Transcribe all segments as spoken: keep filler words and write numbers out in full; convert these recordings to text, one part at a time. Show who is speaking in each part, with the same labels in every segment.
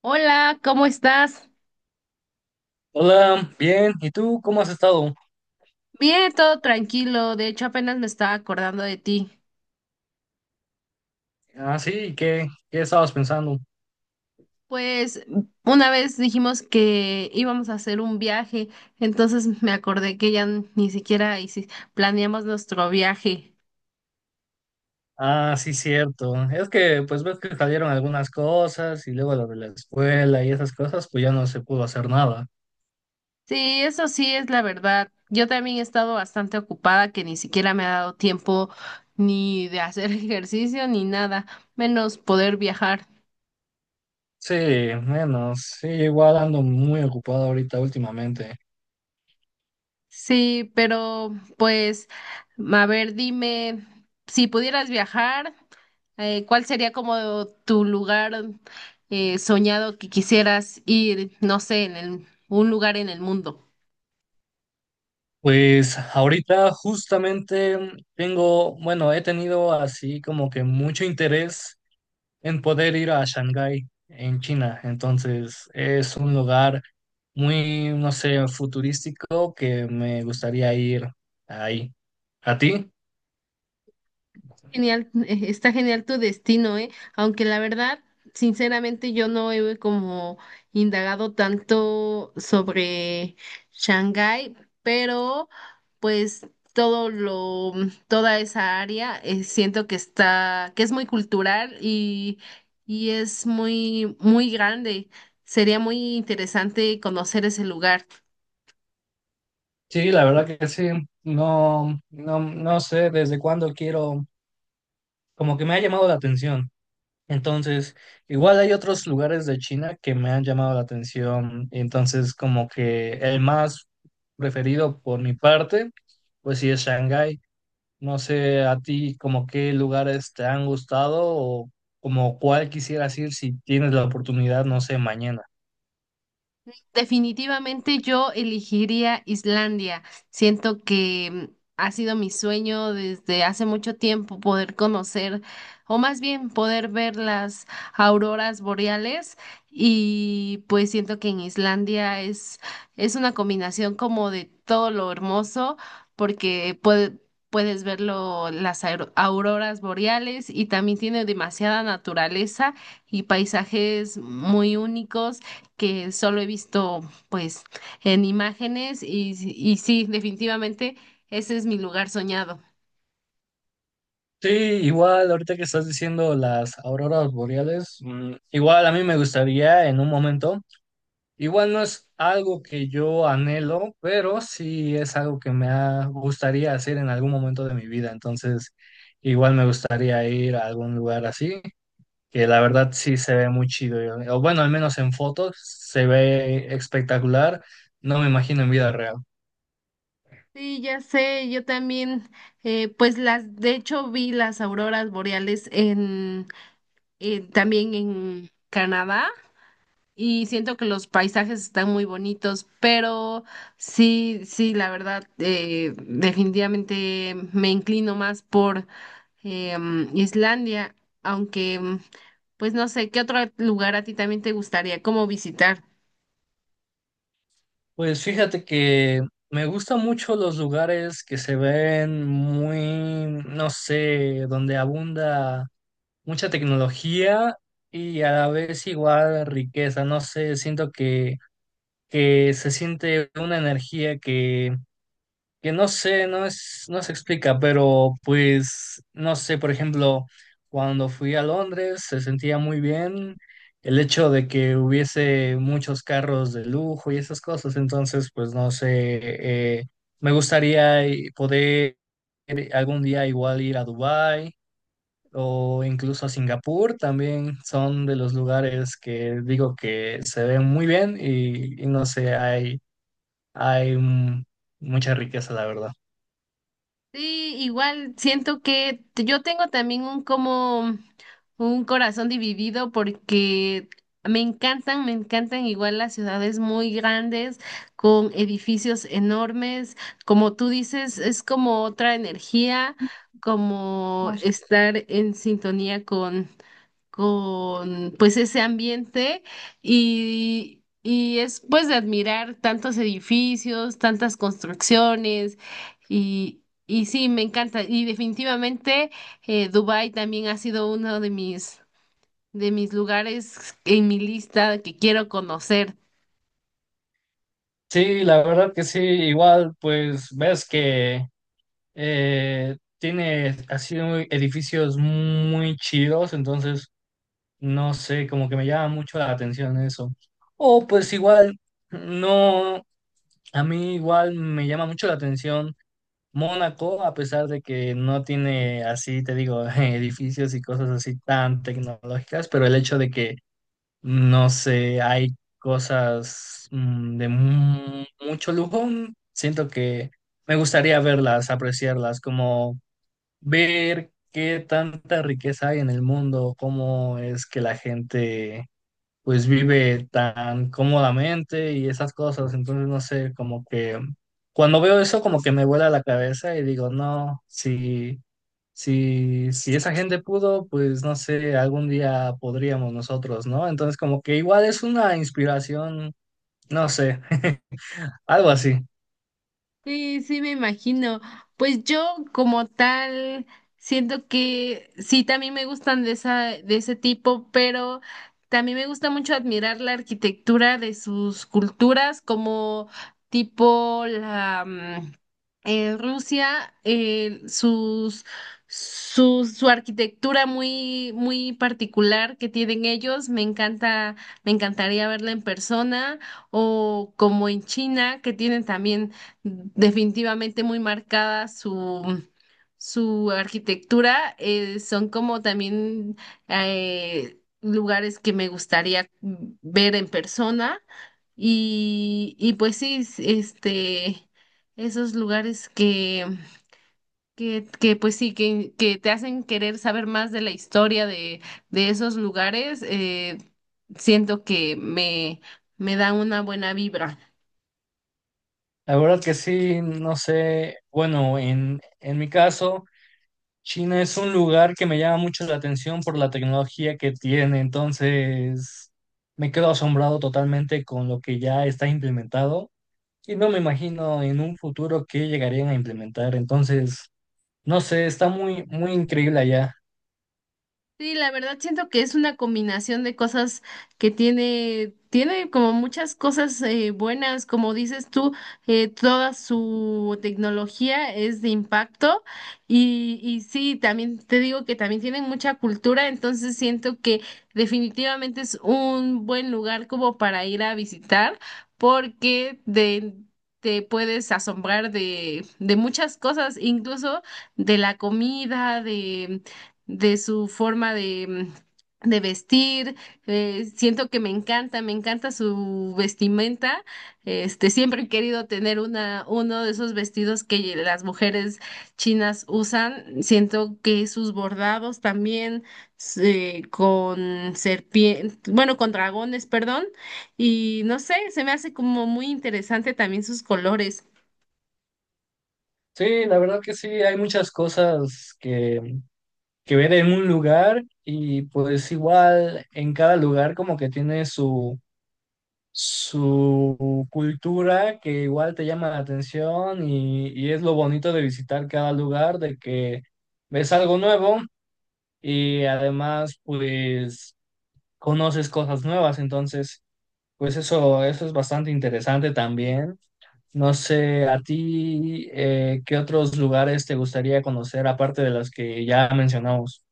Speaker 1: Hola, ¿cómo estás?
Speaker 2: Hola, bien. ¿Y tú cómo has estado?
Speaker 1: Bien, todo tranquilo. De hecho, apenas me estaba acordando de ti.
Speaker 2: Ah, sí, ¿qué, qué estabas pensando?
Speaker 1: Pues una vez dijimos que íbamos a hacer un viaje, entonces me acordé que ya ni siquiera hici- planeamos nuestro viaje.
Speaker 2: Ah, sí, cierto. Es que pues ves que salieron algunas cosas y luego lo de la escuela y esas cosas, pues ya no se pudo hacer nada.
Speaker 1: Sí, eso sí es la verdad. Yo también he estado bastante ocupada que ni siquiera me ha dado tiempo ni de hacer ejercicio ni nada, menos poder viajar.
Speaker 2: Sí, menos. Sí, igual ando muy ocupado ahorita últimamente.
Speaker 1: Sí, pero pues, a ver, dime, si pudieras viajar, eh, ¿cuál sería como tu lugar eh, soñado que quisieras ir, no sé, en el- un lugar en el mundo?
Speaker 2: Pues ahorita justamente tengo, bueno, he tenido así como que mucho interés en poder ir a Shanghái, en China. Entonces, es un lugar muy, no sé, futurístico que me gustaría ir ahí. ¿A ti?
Speaker 1: Genial, eh, está genial tu destino, ¿eh? Aunque la verdad, sinceramente, yo no he como indagado tanto sobre Shanghái, pero pues todo lo, toda esa área, eh, siento que está, que es muy cultural y, y es muy, muy grande. Sería muy interesante conocer ese lugar.
Speaker 2: Sí, la verdad que sí. No, no, no sé desde cuándo quiero, como que me ha llamado la atención. Entonces, igual hay otros lugares de China que me han llamado la atención. Entonces, como que el más preferido por mi parte, pues sí es Shanghái. No sé a ti como qué lugares te han gustado o como cuál quisieras ir si tienes la oportunidad, no sé, mañana.
Speaker 1: Definitivamente yo elegiría Islandia. Siento que mm, ha sido mi sueño desde hace mucho tiempo poder conocer, o más bien poder ver las auroras boreales. Y pues siento que en Islandia es, es una combinación como de todo lo hermoso, porque puede- puedes ver lo- las aur- auroras boreales y también tiene demasiada naturaleza y paisajes muy únicos que solo he visto pues en imágenes y, y sí, definitivamente ese es mi lugar soñado.
Speaker 2: Sí, igual ahorita que estás diciendo las auroras boreales, mm, igual a mí me gustaría en un momento, igual no es algo que yo anhelo, pero sí es algo que me ha- gustaría hacer en algún momento de mi vida, entonces igual me gustaría ir a algún lugar así, que la verdad sí se ve muy chido. yo- O bueno, al menos en fotos se ve espectacular. No me imagino en vida real.
Speaker 1: Sí, ya sé, yo también, eh, pues las, de hecho vi las auroras boreales en, en- también en Canadá y siento que los paisajes están muy bonitos, pero sí, sí, la verdad, eh, definitivamente me inclino más por em, Islandia, aunque, mm, pues no sé, ¿qué otro lugar a ti también te gustaría como visitar?
Speaker 2: Pues fíjate que me gustan mucho los lugares que se ven muy, no sé, donde abunda mucha tecnología y a la vez igual riqueza. No sé, siento que, que se siente una energía que no sé, no es, no se explica, pero pues, no sé, por ejemplo, cuando fui a Londres se sentía muy bien el hecho de que hubiese muchos carros de lujo y esas cosas, entonces, pues, no sé, eh, me gustaría eh, poder algún día igual ir a Dubái o incluso a Singapur, también son de los lugares que digo que se ven muy bien y, y no sé, hay, hay mm, mucha riqueza, la verdad.
Speaker 1: Sí, igual siento que t- yo tengo también un como un corazón dividido porque me encantan, me encantan igual las ciudades muy grandes con edificios enormes, como tú dices, es como otra energía, como estar en sintonía con con pues ese ambiente y, y es pues de admirar tantos edificios, tantas construcciones y, y sí, me encanta. Y definitivamente eh, Dubái también ha sido uno de mis, de mis lugares en mi lista que quiero conocer.
Speaker 2: Sí, la verdad que sí, igual pues ves que eh, tiene así muy- edificios muy chidos, entonces no sé, como que me llama mucho la atención eso. O pues igual, no, a mí igual me llama mucho la atención Mónaco, a pesar de que no tiene así, te digo, edificios y cosas así tan tecnológicas, pero el hecho de que no sé, hay cosas mm, de mu- mucho lujo. Siento que me gustaría verlas, apreciarlas, como ver qué tanta riqueza hay en el mundo, cómo es que la gente pues vive tan cómodamente y esas cosas. Entonces, no sé, como que cuando veo eso, como que me vuela la cabeza y digo, no, si, si, si esa gente pudo, pues no sé, algún día podríamos nosotros, ¿no? Entonces, como que igual es una inspiración, no sé, algo así.
Speaker 1: Sí, sí, me imagino. Pues yo como tal siento que sí, también me gustan de esa, de ese tipo, pero también me gusta mucho admirar la arquitectura de sus culturas, como tipo la, mm, eh, Rusia, eh, sus, su, su arquitectura muy, muy particular que tienen ellos, me encanta, me encantaría verla en persona, o como en China, que tienen también definitivamente muy marcada su su arquitectura eh, son como también eh, lugares que me gustaría ver en persona y, y pues sí, es- este, esos lugares que, que, que pues sí, que, que te hacen querer saber más de la historia de, de esos lugares, eh, siento que me, me da una buena vibra.
Speaker 2: La verdad que sí, no sé, bueno, en, en mi caso. China es un lugar que me llama mucho la atención por la tecnología que tiene, entonces me quedo asombrado totalmente con lo que ya está implementado y no me imagino en un futuro qué llegarían a implementar, entonces no sé, está muy muy increíble allá.
Speaker 1: Sí, la verdad siento que es una combinación de cosas que tiene, tiene como muchas cosas eh, buenas, como dices tú, eh, toda su tecnología es de impacto y, y sí, también te digo que también tienen mucha cultura, entonces siento que definitivamente es un buen lugar como para ir a visitar porque de... te puedes asombrar de, de muchas cosas, incluso de la comida, de su forma de, mm, de vestir. Eh, siento que me encanta, me encanta su vestimenta. Este, siempre he querido tener una, uno de esos vestidos que las mujeres chinas usan. Siento que sus bordados también eh, con serpientes, bueno, con dragones, perdón. Y no sé, se me hace como muy interesante también sus colores.
Speaker 2: Sí, la verdad que sí, hay muchas cosas que, que ver en un lugar y pues igual en cada lugar como que tiene su su cultura que igual te llama la atención y, y es lo bonito de visitar cada lugar, de que ves algo nuevo y además pues conoces cosas nuevas, entonces pues eso, eso es bastante interesante también. No sé, a ti, eh, ¿qué otros lugares te gustaría conocer aparte de los que ya mencionamos?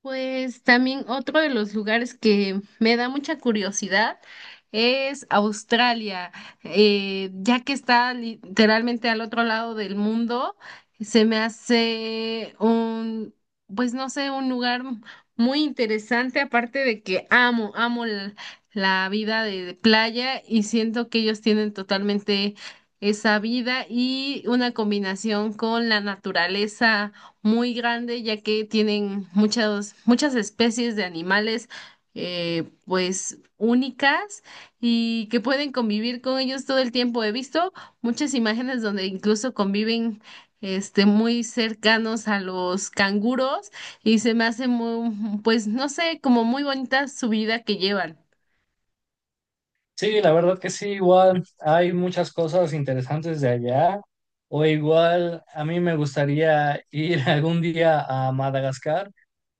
Speaker 1: Pues también otro de los lugares que me da mucha curiosidad es Australia. Eh, ya que está literalmente al otro lado del mundo, se me hace un, pues no sé, un lugar muy interesante, aparte de que amo, amo l- la vida de playa y siento que ellos tienen totalmente esa vida y una combinación con la naturaleza muy grande, ya que tienen muchas, muchas especies de animales, eh, pues únicas y que pueden convivir con ellos todo el tiempo. He visto muchas imágenes donde incluso conviven, este, muy cercanos a los canguros y se me hace muy, pues no sé, como muy bonita su vida que llevan.
Speaker 2: Sí, la verdad que sí, igual hay muchas cosas interesantes de allá. O igual a mí me gustaría ir algún día a Madagascar,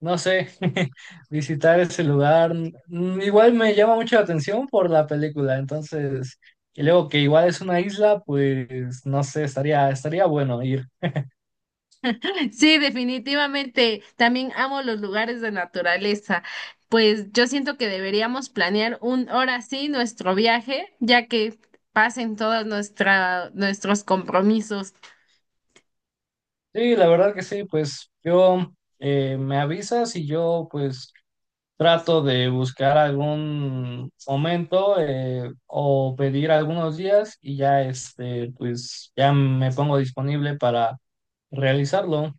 Speaker 2: no sé, visitar ese lugar. Mm, igual me llama mucho la atención por la película, entonces, y luego que igual es una isla, pues no sé, estaría, estaría bueno ir.
Speaker 1: Sí, definitivamente. También amo los lugares de naturaleza. Pues yo siento que deberíamos planear un hora sí nuestro viaje, ya que pasen todos nuestra, nuestros compromisos.
Speaker 2: Sí, la verdad que sí, pues yo eh, me avisas y yo pues trato de buscar algún momento eh, o pedir algunos días y ya este, pues ya me pongo disponible para realizarlo.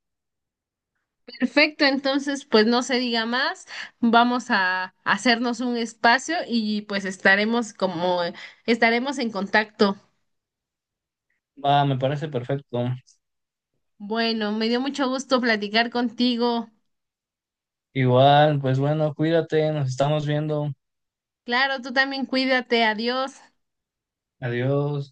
Speaker 1: Perfecto, entonces pues no se diga más. Vamos a hacernos un espacio y pues estaremos como estaremos en contacto.
Speaker 2: Va, me parece perfecto.
Speaker 1: Bueno, me dio mucho gusto platicar contigo.
Speaker 2: Igual, pues bueno, cuídate, nos estamos viendo.
Speaker 1: Claro, tú también cuídate. Adiós.
Speaker 2: Adiós.